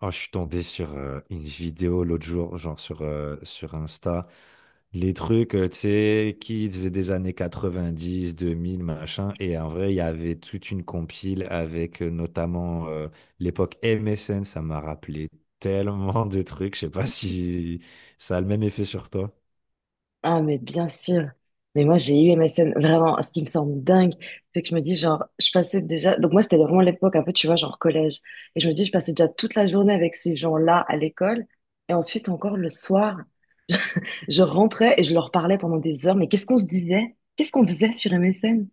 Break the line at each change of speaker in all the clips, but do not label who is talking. Oh, je suis tombé sur une vidéo l'autre jour, genre sur, sur Insta. Les trucs, tu sais, kids des années 90, 2000, machin. Et en vrai, il y avait toute une compile avec notamment l'époque MSN. Ça m'a rappelé tellement de trucs. Je sais pas si ça a le même effet sur toi.
Ah, mais bien sûr. Mais moi, j'ai eu MSN. Vraiment, ce qui me semble dingue, c'est que je me dis, genre, je passais déjà. Donc, moi, c'était vraiment l'époque, un peu, tu vois, genre collège. Et je me dis, je passais déjà toute la journée avec ces gens-là à l'école. Et ensuite, encore le soir, je rentrais et je leur parlais pendant des heures. Mais qu'est-ce qu'on se disait? Qu'est-ce qu'on faisait sur MSN?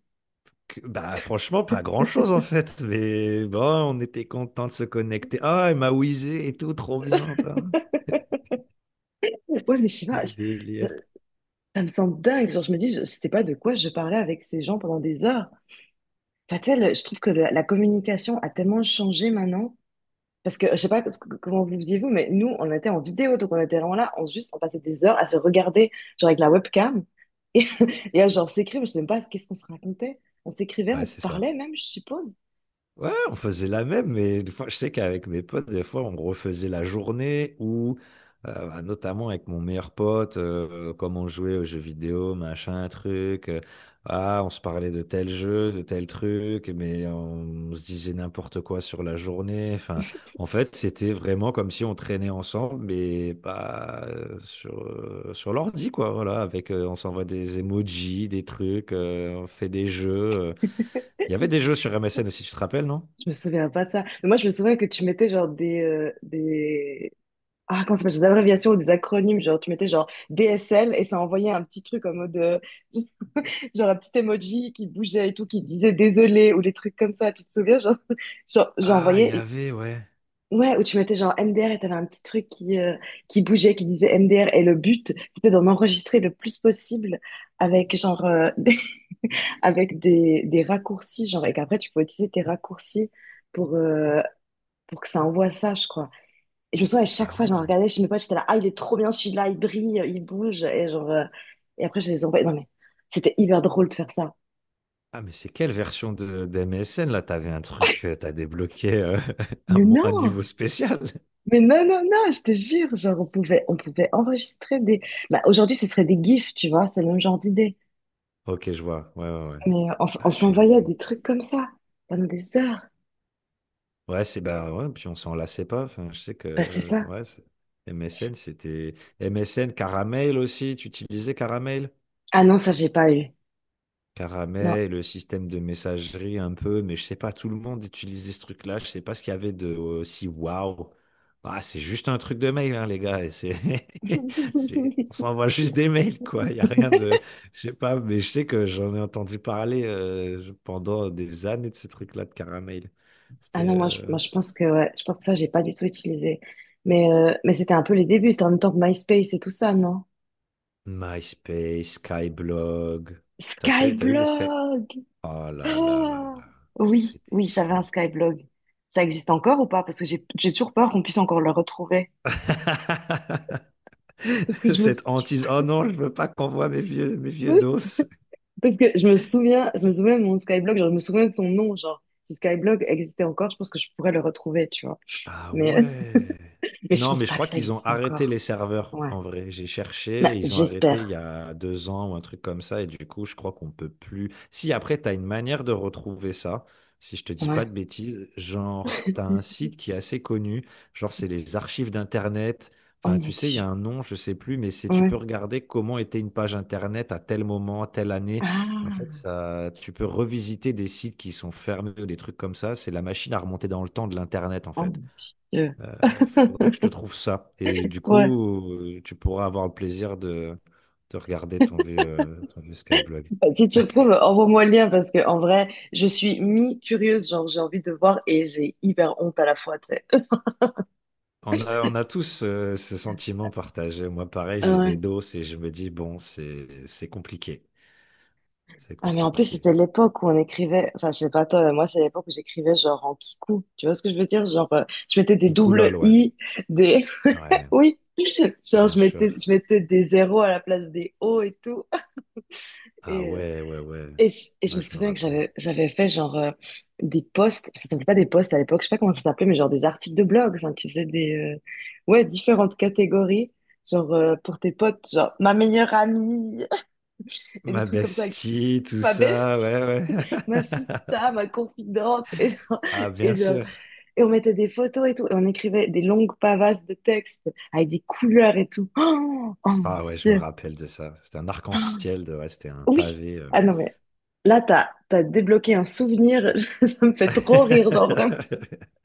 Bah franchement, pas grand-chose en fait. Mais bon, on était content de se connecter. Ah, elle m'a whizzé et tout, trop bien. Tain.
Ouais, mais je sais pas.
Quel
Ça,
délire.
ça me semble dingue. Genre, je me dis, je c'était pas de quoi je parlais avec ces gens pendant des heures. Enfin, tu sais, je trouve que la communication a tellement changé maintenant. Parce que je sais pas comment vous faisiez vous, mais nous, on était en vidéo, donc on était vraiment là, on juste, on passait des heures à se regarder, genre avec la webcam, et, et à genre s'écrire, mais je sais même pas qu'est-ce qu'on se racontait. On s'écrivait, on
Ouais,
se
c'est
parlait
ça.
même, je suppose.
Ouais, on faisait la même, mais des fois, je sais qu'avec mes potes, des fois, on refaisait la journée ou notamment avec mon meilleur pote, comme on jouait aux jeux vidéo, machin, truc. On se parlait de tel jeu, de tel truc, mais on se disait n'importe quoi sur la journée. Enfin, en fait, c'était vraiment comme si on traînait ensemble, mais pas sur l'ordi, quoi. Voilà, avec, on s'envoie des emojis, des trucs, on fait des jeux. Il y avait des jeux sur MSN aussi, tu te rappelles, non?
Je me souviens pas de ça. Mais moi, je me souviens que tu mettais genre Ah, comment ça s'appelle, des abréviations ou des acronymes, genre tu mettais genre DSL et ça envoyait un petit truc en mode, genre un petit emoji qui bougeait et tout, qui disait désolé ou des trucs comme ça, tu te souviens, genre, genre j'ai
Ah, il y
envoyé.
avait, ouais.
Ouais, où tu mettais genre MDR et t'avais un petit truc qui bougeait, qui disait MDR. Et le but, c'était d'en enregistrer le plus possible avec genre avec des raccourcis, genre, et qu'après tu pouvais utiliser tes raccourcis pour, euh, pour que ça envoie ça, je crois. Et je me souviens, à chaque
Ah
fois, j'en
ouais.
regardais chez mes potes, j'étais là, ah, il est trop bien celui-là, il brille, il bouge. Et genre, et après, je les envoyais. Non, mais c'était hyper drôle de faire ça.
Ah, mais c'est quelle version de, d'MSN là? T'avais un truc, t'as débloqué
Mais
un
non,
niveau spécial.
mais non, non, non, je te jure, genre, on pouvait enregistrer des. Bah, aujourd'hui, ce serait des GIFs, tu vois, c'est le même genre d'idée.
Ok, je vois. Ouais, ouais, ouais.
Mais on, s-
Ah,
on
je
s'envoyait
suis.
des trucs comme ça pendant des heures.
Ouais, c'est bah ouais, puis on s'en lassait pas. Enfin, je sais que
Bah, c'est ça.
ouais, MSN, c'était. MSN, Caramel aussi, tu utilisais Caramel?
Ah non, ça, j'ai pas eu. Non.
Caramel, le système de messagerie un peu, mais je sais pas, tout le monde utilisait ce truc-là. Je sais pas ce qu'il y avait de aussi waouh. Ah, c'est juste un truc de mail, hein, les gars. Et c'est, c'est, on s'envoie juste des mails, quoi. Il y a rien de, je sais pas, mais je sais que j'en ai entendu parler pendant des années de ce truc-là de Caramel.
Ah non,
C'était
moi, je pense que, ouais, je pense que ça, j'ai pas du tout utilisé. Mais c'était un peu les débuts. C'était en même temps que MySpace et tout ça, non?
MySpace, Skyblog. T'as fait, t'as eu les Sky?
Skyblog!
Oh là là là
Ah
là,
oui,
c'était
oui, j'avais un
fou.
Skyblog. Ça existe encore ou pas? Parce que j'ai toujours peur qu'on puisse encore le retrouver. Parce que je me...
Cette
sou-
hantise. Oh non, je veux pas qu'on voit mes vieux dos.
Parce que je me souviens de mon Skyblog, genre, je me souviens de son nom, genre, si Skyblog existait encore, je pense que je pourrais le retrouver, tu vois.
Ah
Mais,
ouais.
mais je
Non,
pense
mais je
pas
crois
que ça
qu'ils ont
existe
arrêté
encore.
les serveurs,
Ouais.
en vrai. J'ai cherché,
Bah,
et ils ont arrêté il
j'espère.
y a 2 ans ou un truc comme ça, et du coup, je crois qu'on peut plus. Si après, tu as une manière de retrouver ça, si je te dis pas
Ouais.
de bêtises, genre, tu as un site qui est assez connu, genre, c'est les archives d'Internet.
Oh
Enfin,
mon
tu sais, il y
Dieu.
a un nom, je sais plus, mais c'est tu
Ouais.
peux regarder comment était une page Internet à tel moment, à telle année. En fait,
Ah,
ça, tu peux revisiter des sites qui sont fermés ou des trucs comme ça. C'est la machine à remonter dans le temps de l'Internet, en
oh
fait.
mon Dieu.
Faudra que je te trouve ça. Et du
Ouais.
coup, tu pourras avoir le plaisir de regarder ton vieux Skyblog.
Bah, si tu retrouves, envoie-moi le lien parce que, en vrai, je suis mi-curieuse, genre, j'ai envie de voir et j'ai hyper honte à la fois, tu sais.
On a tous ce sentiment partagé. Moi, pareil, j'ai des doses et je me dis, bon, c'est compliqué. C'est
Ah, mais en plus,
compliqué.
c'était l'époque où on écrivait, enfin, je sais pas toi, mais moi, c'est l'époque où j'écrivais genre en kikou. Tu vois ce que je veux dire? Genre, je mettais des doubles
Kicoulol, ouais.
i, des,
Ouais,
oui, genre,
bien
je mettais,
sûr.
je mettais des zéros à la place des o et tout. Et,
Ah
euh,
ouais, ouais, ouais.
et, et je
Ouais,
me
je me
souviens que
rappelle.
j'avais fait genre des posts, ça s'appelait pas des posts à l'époque, je sais pas comment ça s'appelait, mais genre des articles de blog. Enfin, tu faisais ouais, différentes catégories, genre pour tes potes, genre ma meilleure amie, et des
Ma
trucs comme ça, avec
bestie, tout
ma
ça,
bestie.
ouais, ouais.
Ma sista, ma confidente.
Ah,
Et,
bien
genre-
sûr.
et on mettait des photos et tout. Et on écrivait des longues pavasses de textes avec des couleurs et tout. Oh, oh mon
Ah ouais, je me
Dieu.
rappelle de ça. C'était un
Oh,
arc-en-ciel, de, ouais, c'était un
oui.
pavé.
Ah non, mais là, t'as débloqué un souvenir. Ça me fait trop rire, genre vraiment.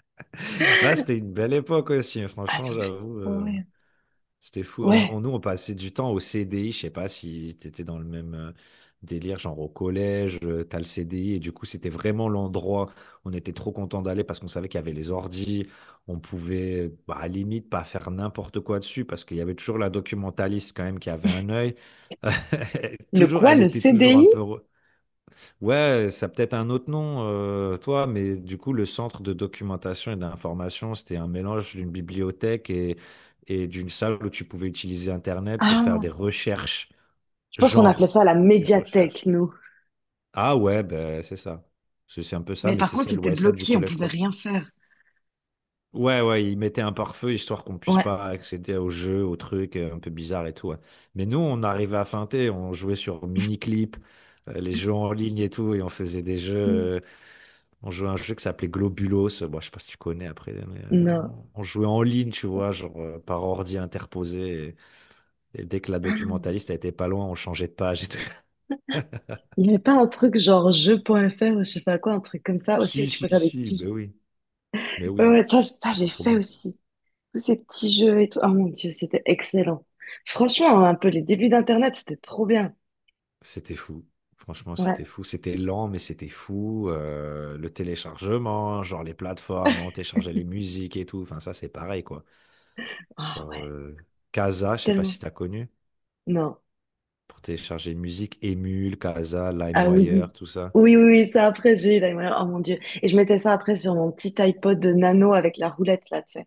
Là, c'était une belle époque aussi, hein.
Ah,
Franchement,
ça me fait
j'avoue.
trop rire.
C'était fou.
Ouais.
Nous, on passait du temps au CDI. Je sais pas si t'étais dans le même délire, genre au collège, t'as le CDI. Et du coup, c'était vraiment l'endroit où on était trop content d'aller parce qu'on savait qu'il y avait les ordis. On pouvait, bah, à la limite, pas faire n'importe quoi dessus parce qu'il y avait toujours la documentaliste quand même qui avait un œil.
Le
Toujours,
quoi,
elle
le
était toujours un
CDI?
peu. Ouais, ça a peut-être un autre nom, toi, mais du coup, le centre de documentation et d'information, c'était un mélange d'une bibliothèque et d'une salle où tu pouvais utiliser Internet pour faire des
Ah,
recherches,
je pense qu'on appelait
genre
ça la
des recherches.
médiathèque, nous.
Ah ouais, ben c'est ça. C'est un peu ça,
Mais
mais
par
c'est
contre,
celle,
c'était
ouais, celle du
bloqué, on
collège,
pouvait
quoi.
rien faire.
Ouais, ouais, ils mettaient un pare-feu histoire qu'on puisse
Ouais.
pas accéder aux jeux, aux trucs un peu bizarres et tout. Ouais. Mais nous, on arrivait à feinter, on jouait sur Miniclip, les jeux en ligne et tout, et on faisait des
Mm.
jeux. On jouait à un jeu qui s'appelait Globulos. Bon, je sais pas si tu connais après, mais
Non.
on jouait en ligne, tu vois, genre par ordi interposé. Et dès que la documentaliste elle était pas loin, on changeait de page. Et tout.
Il n'y avait pas un truc genre jeu point jeu.fr ou je sais pas quoi, un truc comme ça aussi où
Si,
tu
si,
peux faire des
si, ben
petits.
oui, mais
Ouais,
oui,
ouais, ça
c'est
j'ai
trop
fait
bien.
aussi. Tous ces petits jeux et tout. Oh mon Dieu, c'était excellent. Franchement, un peu les débuts d'Internet, c'était trop bien.
C'était fou. Franchement,
Ouais.
c'était fou. C'était lent, mais c'était fou. Le téléchargement, genre les plateformes, on téléchargeait les musiques et tout. Enfin, ça, c'est pareil, quoi.
Ah
Genre,
ouais,
Casa, je sais pas
tellement.
si t'as connu,
Non.
pour télécharger une musique, Emule, Casa,
Ah oui.
LimeWire, tout ça.
Oui, oui, oui, ça après, j'ai eu la mémoire. Oh mon Dieu. Et je mettais ça après sur mon petit iPod de nano avec la roulette là, tu sais.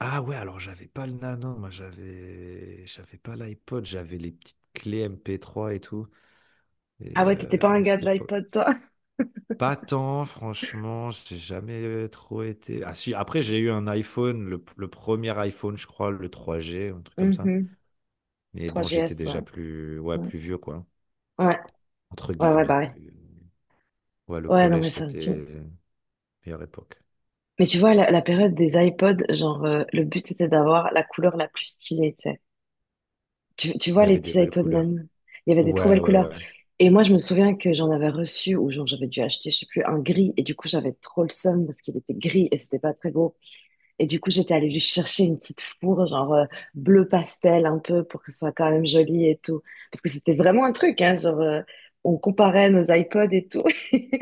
Ah ouais, alors j'avais pas le Nano, moi j'avais pas l'iPod, j'avais les petites clés MP3 et tout. Et
Ah ouais, t'étais pas un
bon,
gars de
c'était pas,
l'iPod, toi?
pas tant, franchement, j'ai jamais trop été. Ah si, après j'ai eu un iPhone, le premier iPhone, je crois, le 3G, un truc comme ça.
Mhm.
Mais bon, j'étais
3GS, ouais.
déjà plus ouais,
Ouais,
plus vieux quoi,
ouais,
entre
ouais, ouais, bah
guillemets,
ouais.
plus ouais, le
Ouais, non, mais
collège
ça me tue.
c'était meilleure époque.
Mais tu vois, la période des iPods, genre, le but c'était d'avoir la couleur la plus stylée, tu sais. Tu
Il y
vois, les
avait des
petits
belles
iPods
couleurs.
même. Il y avait des trop
Ouais,
belles
ouais,
couleurs.
ouais.
Et moi, je me souviens que j'en avais reçu, ou genre, j'avais dû acheter, je sais plus, un gris. Et du coup, j'avais trop le seum parce qu'il était gris et c'était pas très beau. Et du coup, j'étais allée lui chercher une petite fourre, genre bleu pastel un peu, pour que ce soit quand même joli et tout. Parce que c'était vraiment un truc, hein, genre on comparait nos iPods et tout. Et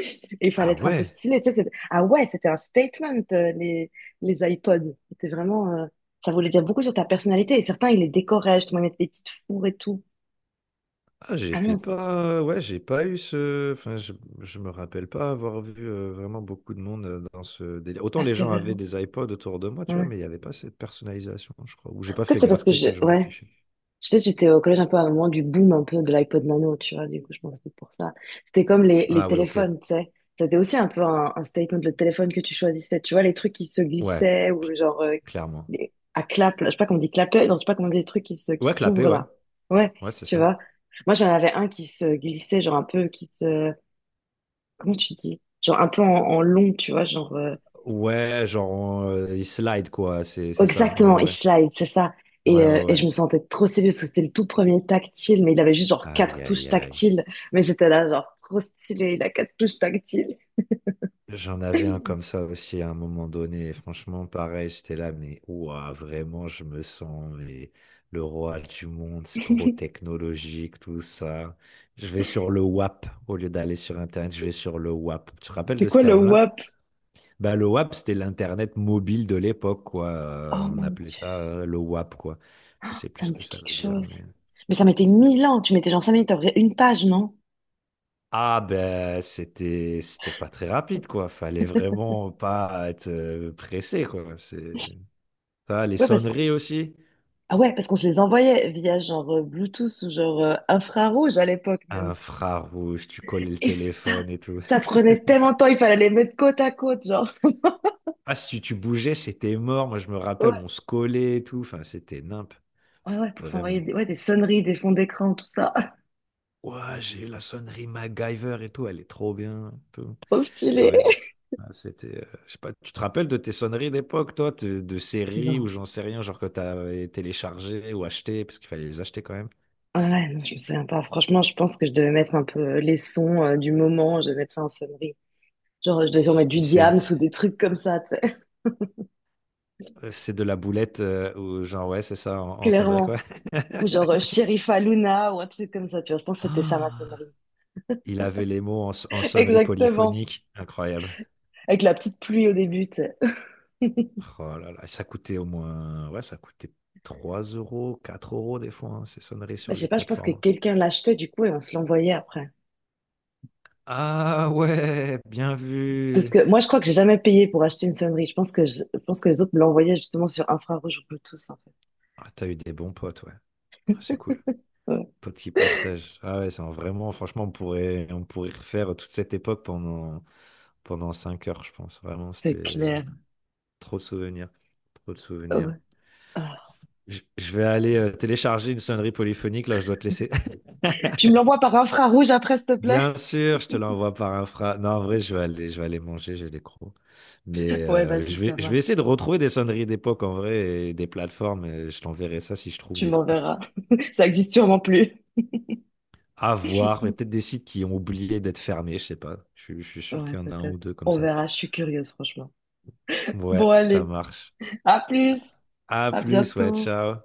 il fallait
Ah
être un peu
ouais.
stylé. Tu sais, ah ouais, c'était un statement, les iPods. C'était vraiment. Ça voulait dire beaucoup sur ta personnalité. Et certains, ils les décoraient, justement, ils mettaient des petites fourres et tout.
Ah,
Ah
j'étais
non, c'est...
pas, ouais, j'ai pas eu ce, enfin, je me rappelle pas avoir vu vraiment beaucoup de monde dans ce délire. Autant
Ah,
les
c'est
gens
vrai.
avaient des iPods autour de moi, tu vois,
Ouais.
mais il n'y avait pas cette personnalisation, je crois. Ou j'ai pas
Peut-être
fait
c'est parce
gaffe,
que je...
peut-être je m'en
Ouais.
fichais.
Je sais, j'étais au collège un peu à un moment du boom un peu de l'iPod Nano, tu vois, du coup, je pense que c'était pour ça. C'était comme les
Ah ouais, ok.
téléphones, tu sais. C'était aussi un peu un statement, le téléphone que tu choisissais, tu vois, les trucs qui se
Ouais,
glissaient ou genre
clairement.
à clap, là, je sais pas comment on dit clapet, non, je sais pas comment on dit les trucs qui
Ouais, clapé,
s'ouvrent
ouais.
là. Ouais,
Ouais, c'est
tu
ça.
vois. Moi, j'en avais un qui se glissait, genre un peu, comment tu dis? Genre un peu en, long, tu vois, genre.
Ouais, genre, il slide, quoi, c'est ça. Ouais,
Exactement, il
ouais.
slide, c'est ça. Et,
Ouais, ouais,
euh, et je me
ouais.
sentais trop stylée parce que c'était le tout premier tactile, mais il avait juste genre
Aïe,
quatre
aïe,
touches
aïe.
tactiles. Mais j'étais là, genre trop stylé, il a 4 touches tactiles.
J'en avais un comme ça aussi à un moment donné. Et franchement, pareil, j'étais là, mais ouah, vraiment, je me sens mais, le roi du monde. C'est trop technologique, tout ça. Je vais sur le WAP au lieu d'aller sur Internet. Je vais sur le WAP. Tu te rappelles
C'est
de ce
quoi le
terme-là?
WAP?
Bah, le WAP, c'était l'Internet mobile de l'époque, quoi.
Oh
On
mon
appelait
Dieu,
ça le WAP, quoi. Je sais plus
ça
ce
me
que
dit
ça
quelque
veut dire,
chose.
mais.
Mais ça mettait 1000 ans, tu mettais genre 5 minutes, t'ouvrais une page, non?
Ah ben c'était c'était pas très rapide quoi, fallait vraiment pas être pressé quoi, c'est ça, les
Ouais, parce que...
sonneries aussi.
Ah ouais, parce qu'on se les envoyait via genre Bluetooth ou genre infrarouge à l'époque même.
Infrarouge, tu collais le
Et ça,
téléphone et tout.
ça prenait tellement de temps, il fallait les mettre côte à côte, genre.
Ah, si tu bougeais, c'était mort. Moi, je me rappelle,
Ouais,
on se collait et tout. Enfin, c'était nimp,
ouais, ouais, pour s'envoyer
vraiment.
ouais, des sonneries, des fonds d'écran, tout ça.
Ouah, j'ai eu la sonnerie MacGyver et tout. Elle est trop bien. Tout.
Trop
Ah
stylé.
ouais, non. Ah, c'était, je sais pas, tu te rappelles de tes sonneries d'époque, toi, de séries ou
Non.
j'en sais rien, genre que t'avais téléchargé ou acheté, parce qu'il fallait les acheter quand même.
Ah ouais, non, je me souviens pas. Franchement, je pense que je devais mettre un peu les sons du moment, je devais mettre ça en sonnerie. Genre, je devais sûrement mettre du
50
Diams
Cent,
ou des trucs comme ça, tu sais,
C'est de la boulette, ou genre, ouais, c'est ça, en, en sonnerie, quoi.
clairement. Ou genre Sherifa Luna ou un truc comme ça, tu vois. Je pense que c'était ça ma
Ah,
sonnerie.
il avait les mots en, en sonnerie
Exactement.
polyphonique. Incroyable.
Avec la petite pluie au début, tu sais.
Oh là là, ça coûtait au moins, ouais, ça coûtait 3 euros, 4 euros des fois, hein, ces sonneries
Bah,
sur
je
les
sais pas, je pense que
plateformes.
quelqu'un l'achetait du coup et on se l'envoyait après.
Ah ouais, bien
Parce
vu.
que moi, je crois que j'ai jamais payé pour acheter une sonnerie. Je pense que les autres me l'envoyaient justement sur infrarouge ou Bluetooth, en fait.
Ah, t'as eu des bons potes, ouais. Ah, c'est cool.
Ouais,
Potes qui partagent. Ah ouais, vraiment, franchement, on pourrait refaire toute cette époque pendant, pendant 5 heures, je pense. Vraiment,
c'est
c'était
clair.
trop de souvenirs. Trop de souvenirs.
Ouais. Ah.
Je vais aller télécharger une sonnerie polyphonique, là, je dois te laisser.
Tu me l'envoies par infrarouge après, s'il te plaît?
Bien sûr, je te l'envoie par infra. Non, en vrai, je vais aller manger, j'ai les crocs. Mais
Ouais, vas-y, ça
je vais essayer
marche.
de retrouver des sonneries d'époque en vrai et des plateformes. Et je t'enverrai ça si je trouve
Tu
des trucs
m'enverras. Ça existe sûrement plus.
à voir. Mais peut-être des sites qui ont oublié d'être fermés, je sais pas. Je suis sûr
Ouais,
qu'il y en a un ou
peut-être.
deux comme
On
ça.
verra, je suis curieuse, franchement.
Ouais,
Bon,
ça
allez,
marche.
à plus.
À
À
plus, ouais,
bientôt.
ciao.